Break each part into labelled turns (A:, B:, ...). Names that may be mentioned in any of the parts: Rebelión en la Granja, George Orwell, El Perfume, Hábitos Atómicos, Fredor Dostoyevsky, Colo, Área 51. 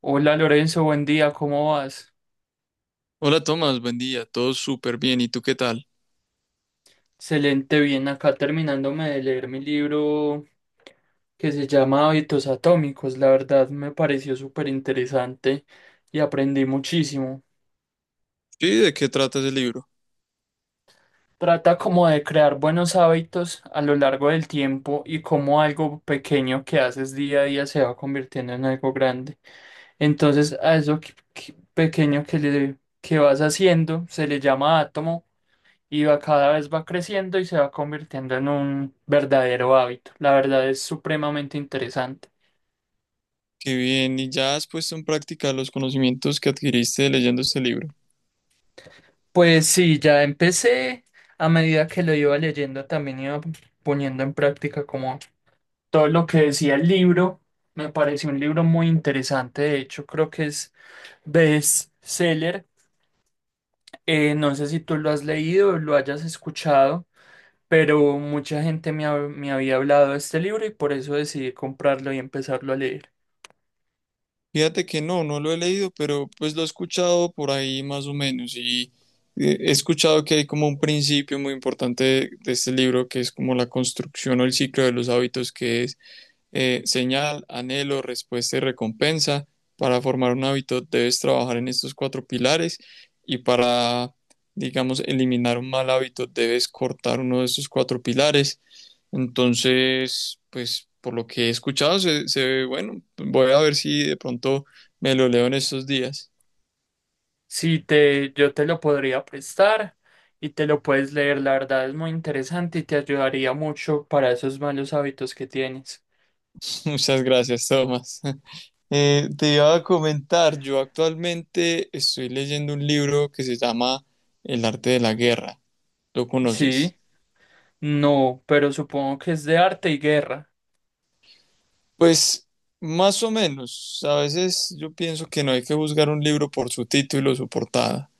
A: Hola Lorenzo, buen día, ¿cómo vas?
B: Hola Tomás, buen día, todo súper bien, ¿y tú qué tal?
A: Excelente, bien, acá terminándome de leer mi libro que se llama Hábitos Atómicos. La verdad me pareció súper interesante y aprendí muchísimo.
B: Sí, ¿de qué trata ese libro?
A: Trata como de crear buenos hábitos a lo largo del tiempo y cómo algo pequeño que haces día a día se va convirtiendo en algo grande. Entonces, a eso pequeño que vas haciendo se le llama átomo y va, cada vez va creciendo y se va convirtiendo en un verdadero hábito. La verdad es supremamente interesante.
B: Qué bien, ¿y ya has puesto en práctica los conocimientos que adquiriste leyendo este libro?
A: Pues sí, ya empecé. A medida que lo iba leyendo, también iba poniendo en práctica como todo lo que decía el libro. Me pareció un libro muy interesante. De hecho, creo que es bestseller. No sé si tú lo has leído o lo hayas escuchado, pero mucha gente me había hablado de este libro y por eso decidí comprarlo y empezarlo a leer.
B: Fíjate que no, no lo he leído, pero pues lo he escuchado por ahí más o menos y he escuchado que hay como un principio muy importante de este libro que es como la construcción o el ciclo de los hábitos que es señal, anhelo, respuesta y recompensa. Para formar un hábito debes trabajar en estos cuatro pilares y para, digamos, eliminar un mal hábito debes cortar uno de estos cuatro pilares. Entonces, pues por lo que he escuchado, se ve bueno. Voy a ver si de pronto me lo leo en estos días.
A: Sí, yo te lo podría prestar y te lo puedes leer. La verdad es muy interesante y te ayudaría mucho para esos malos hábitos que tienes.
B: Muchas gracias, Tomás. Te iba a comentar, yo actualmente estoy leyendo un libro que se llama El arte de la guerra. ¿Lo conoces?
A: Sí, no, pero supongo que es de arte y guerra.
B: Pues más o menos. A veces yo pienso que no hay que juzgar un libro por su título o su portada.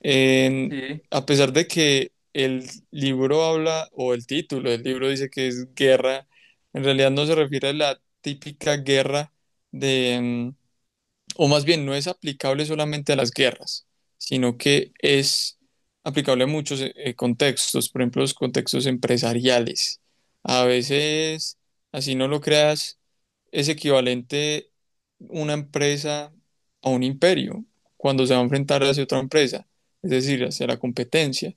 B: En-
A: Sí.
B: a pesar de que el libro habla, o el título del libro dice que es guerra, en realidad no se refiere a la típica guerra de, mm, o más bien no es aplicable solamente a las guerras, sino que es aplicable a muchos contextos, por ejemplo, los contextos empresariales. A veces, así no lo creas, es equivalente una empresa a un imperio cuando se va a enfrentar hacia otra empresa, es decir, hacia la competencia.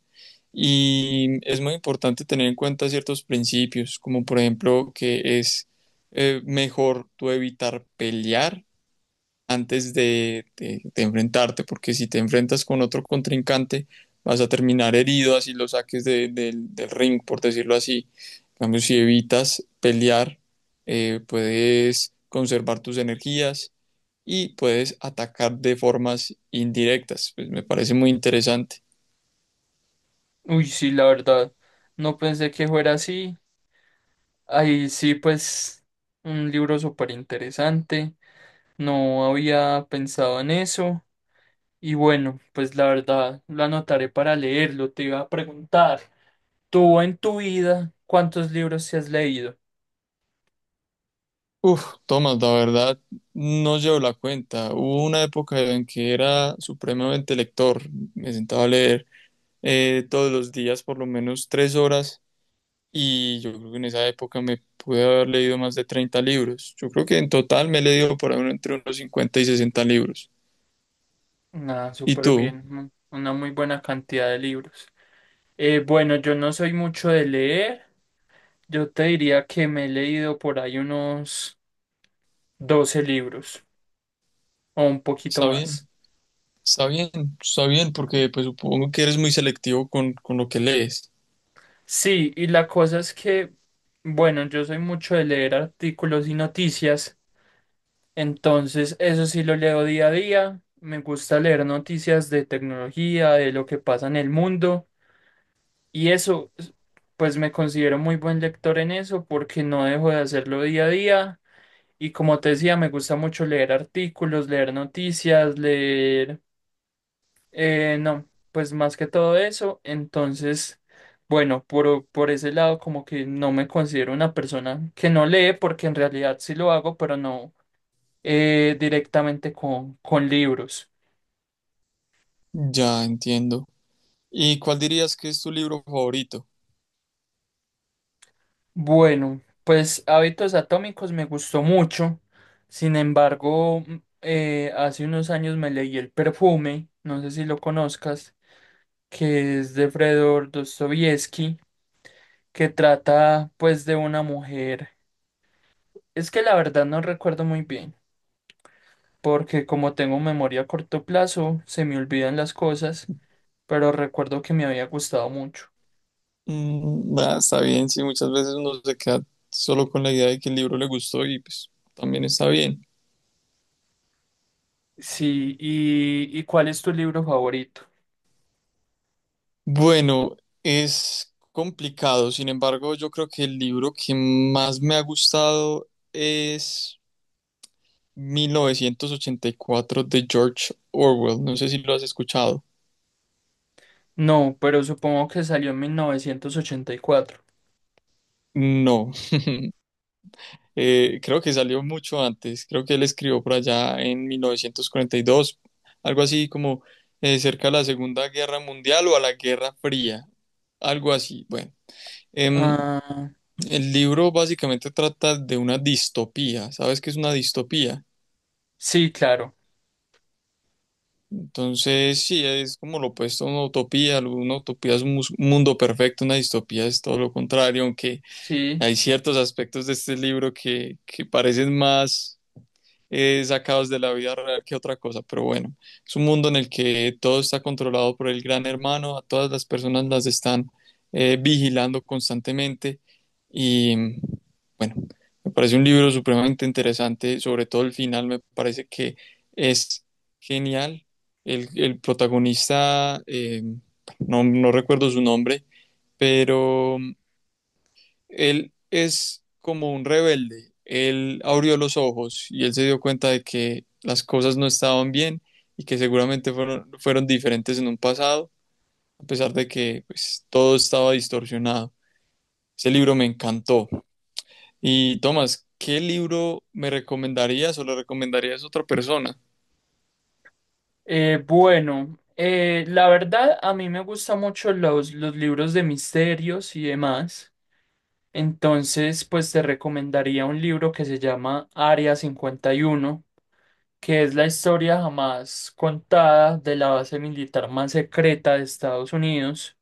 B: Y es muy importante tener en cuenta ciertos principios, como por ejemplo que es mejor tú evitar pelear antes de enfrentarte, porque si te enfrentas con otro contrincante, vas a terminar herido, así lo saques del ring, por decirlo así. En cambio, si evitas pelear, puedes conservar tus energías y puedes atacar de formas indirectas. Pues me parece muy interesante.
A: Uy, sí, la verdad. No pensé que fuera así. Ahí sí, pues, un libro súper interesante. No había pensado en eso. Y bueno, pues la verdad lo anotaré para leerlo. Te iba a preguntar, ¿tú en tu vida cuántos libros te has leído?
B: Uf, Tomás, la verdad, no llevo la cuenta. Hubo una época en que era supremamente lector. Me sentaba a leer todos los días por lo menos 3 horas y yo creo que en esa época me pude haber leído más de 30 libros. Yo creo que en total me he leído por ahí entre unos 50 y 60 libros.
A: Nada,
B: ¿Y
A: súper
B: tú?
A: bien, una muy buena cantidad de libros. Bueno, yo no soy mucho de leer, yo te diría que me he leído por ahí unos 12 libros o un poquito
B: Está bien,
A: más.
B: está bien, está bien, porque pues supongo que eres muy selectivo con lo que lees.
A: Sí, y la cosa es que, bueno, yo soy mucho de leer artículos y noticias. Entonces, eso sí lo leo día a día. Me gusta leer noticias de tecnología, de lo que pasa en el mundo. Y eso, pues me considero muy buen lector en eso porque no dejo de hacerlo día a día. Y como te decía, me gusta mucho leer artículos, leer noticias, leer... no, pues más que todo eso. Entonces, bueno, por ese lado como que no me considero una persona que no lee porque en realidad sí lo hago, pero no directamente con libros.
B: Ya entiendo. ¿Y cuál dirías que es tu libro favorito?
A: Bueno, pues Hábitos Atómicos me gustó mucho. Sin embargo, hace unos años me leí El Perfume, no sé si lo conozcas, que es de Fredor Dostoyevsky, que trata pues de una mujer. Es que la verdad no recuerdo muy bien, porque como tengo memoria a corto plazo, se me olvidan las cosas, pero recuerdo que me había gustado mucho.
B: Mm, ah, está bien, sí, muchas veces uno se queda solo con la idea de que el libro le gustó y pues también está bien.
A: Sí, y cuál es tu libro favorito?
B: Bueno, es complicado, sin embargo, yo creo que el libro que más me ha gustado es 1984 de George Orwell. No sé si lo has escuchado.
A: No, pero supongo que salió en 1984.
B: No, creo que salió mucho antes, creo que él escribió por allá en 1942, algo así como cerca de la Segunda Guerra Mundial o a la Guerra Fría, algo así. Bueno, em,
A: Ah,
B: el libro básicamente trata de una distopía. ¿Sabes qué es una distopía?
A: sí, claro,
B: Entonces, sí, es como lo opuesto a una utopía. Una utopía es un un mundo perfecto, una distopía es todo lo contrario, aunque
A: sí.
B: hay ciertos aspectos de este libro que parecen más sacados de la vida real que otra cosa, pero bueno, es un mundo en el que todo está controlado por el gran hermano, a todas las personas las están vigilando constantemente y bueno, me parece un libro supremamente interesante, sobre todo el final me parece que es genial, el protagonista, no, no recuerdo su nombre, pero él es como un rebelde. Él abrió los ojos y él se dio cuenta de que las cosas no estaban bien y que seguramente fueron diferentes en un pasado, a pesar de que pues, todo estaba distorsionado. Ese libro me encantó. Y Tomás, ¿qué libro me recomendarías o le recomendarías a otra persona?
A: Bueno, la verdad a mí me gustan mucho los libros de misterios y demás. Entonces, pues te recomendaría un libro que se llama Área 51, que es la historia jamás contada de la base militar más secreta de Estados Unidos.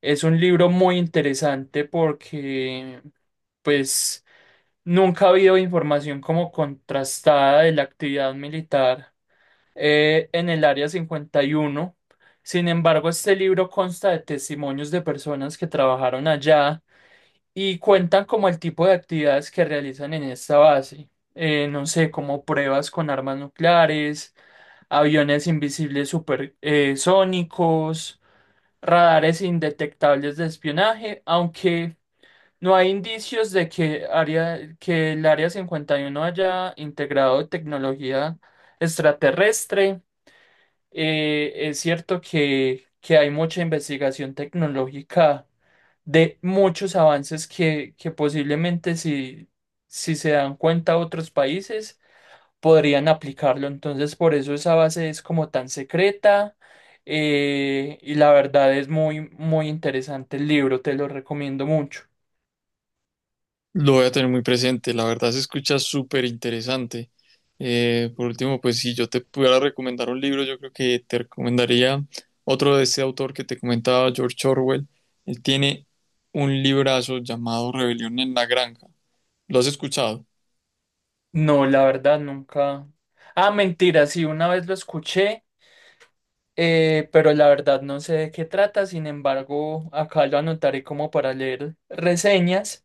A: Es un libro muy interesante porque, pues, nunca ha habido información como contrastada de la actividad militar en el Área cincuenta y uno. Sin embargo, este libro consta de testimonios de personas que trabajaron allá y cuentan como el tipo de actividades que realizan en esta base. No sé, como pruebas con armas nucleares, aviones invisibles supersónicos, radares indetectables de espionaje, aunque no hay indicios de que el Área cincuenta y uno haya integrado tecnología extraterrestre. Es cierto que hay mucha investigación tecnológica de muchos avances que posiblemente si se dan cuenta otros países podrían aplicarlo. Entonces, por eso esa base es como tan secreta, y la verdad es muy, muy interesante el libro, te lo recomiendo mucho.
B: Lo voy a tener muy presente, la verdad se escucha súper interesante. Por último, pues si yo te pudiera recomendar un libro, yo creo que te recomendaría otro de ese autor que te comentaba, George Orwell. Él tiene un librazo llamado Rebelión en la Granja. ¿Lo has escuchado?
A: No, la verdad nunca. Ah, mentira, sí, una vez lo escuché, pero la verdad no sé de qué trata. Sin embargo, acá lo anotaré como para leer reseñas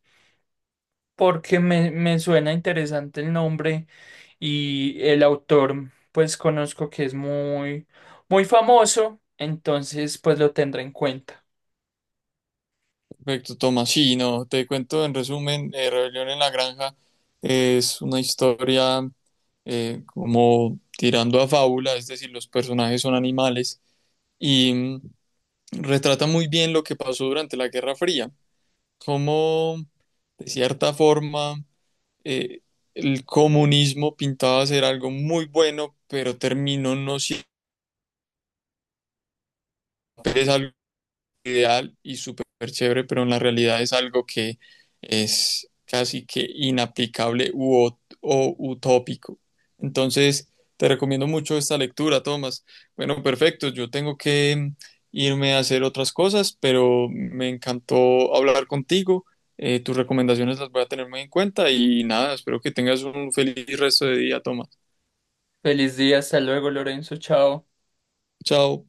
A: porque me suena interesante el nombre. Y el autor pues conozco que es muy muy famoso, entonces pues lo tendré en cuenta.
B: Perfecto, Tomás. Sí, no, te cuento en resumen, Rebelión en la Granja es una historia como tirando a fábula, es decir, los personajes son animales y retrata muy bien lo que pasó durante la Guerra Fría, cómo de cierta forma eh, el comunismo pintaba ser algo muy bueno, pero terminó no siendo es algo ideal y súper chévere, pero en la realidad es algo que es casi que inaplicable o utópico. Entonces, te recomiendo mucho esta lectura, Tomás. Bueno, perfecto, yo tengo que irme a hacer otras cosas, pero me encantó hablar contigo. Tus recomendaciones las voy a tener muy en cuenta y nada, espero que tengas un feliz resto de día, Tomás.
A: Feliz día, hasta luego Lorenzo, chao.
B: Chao.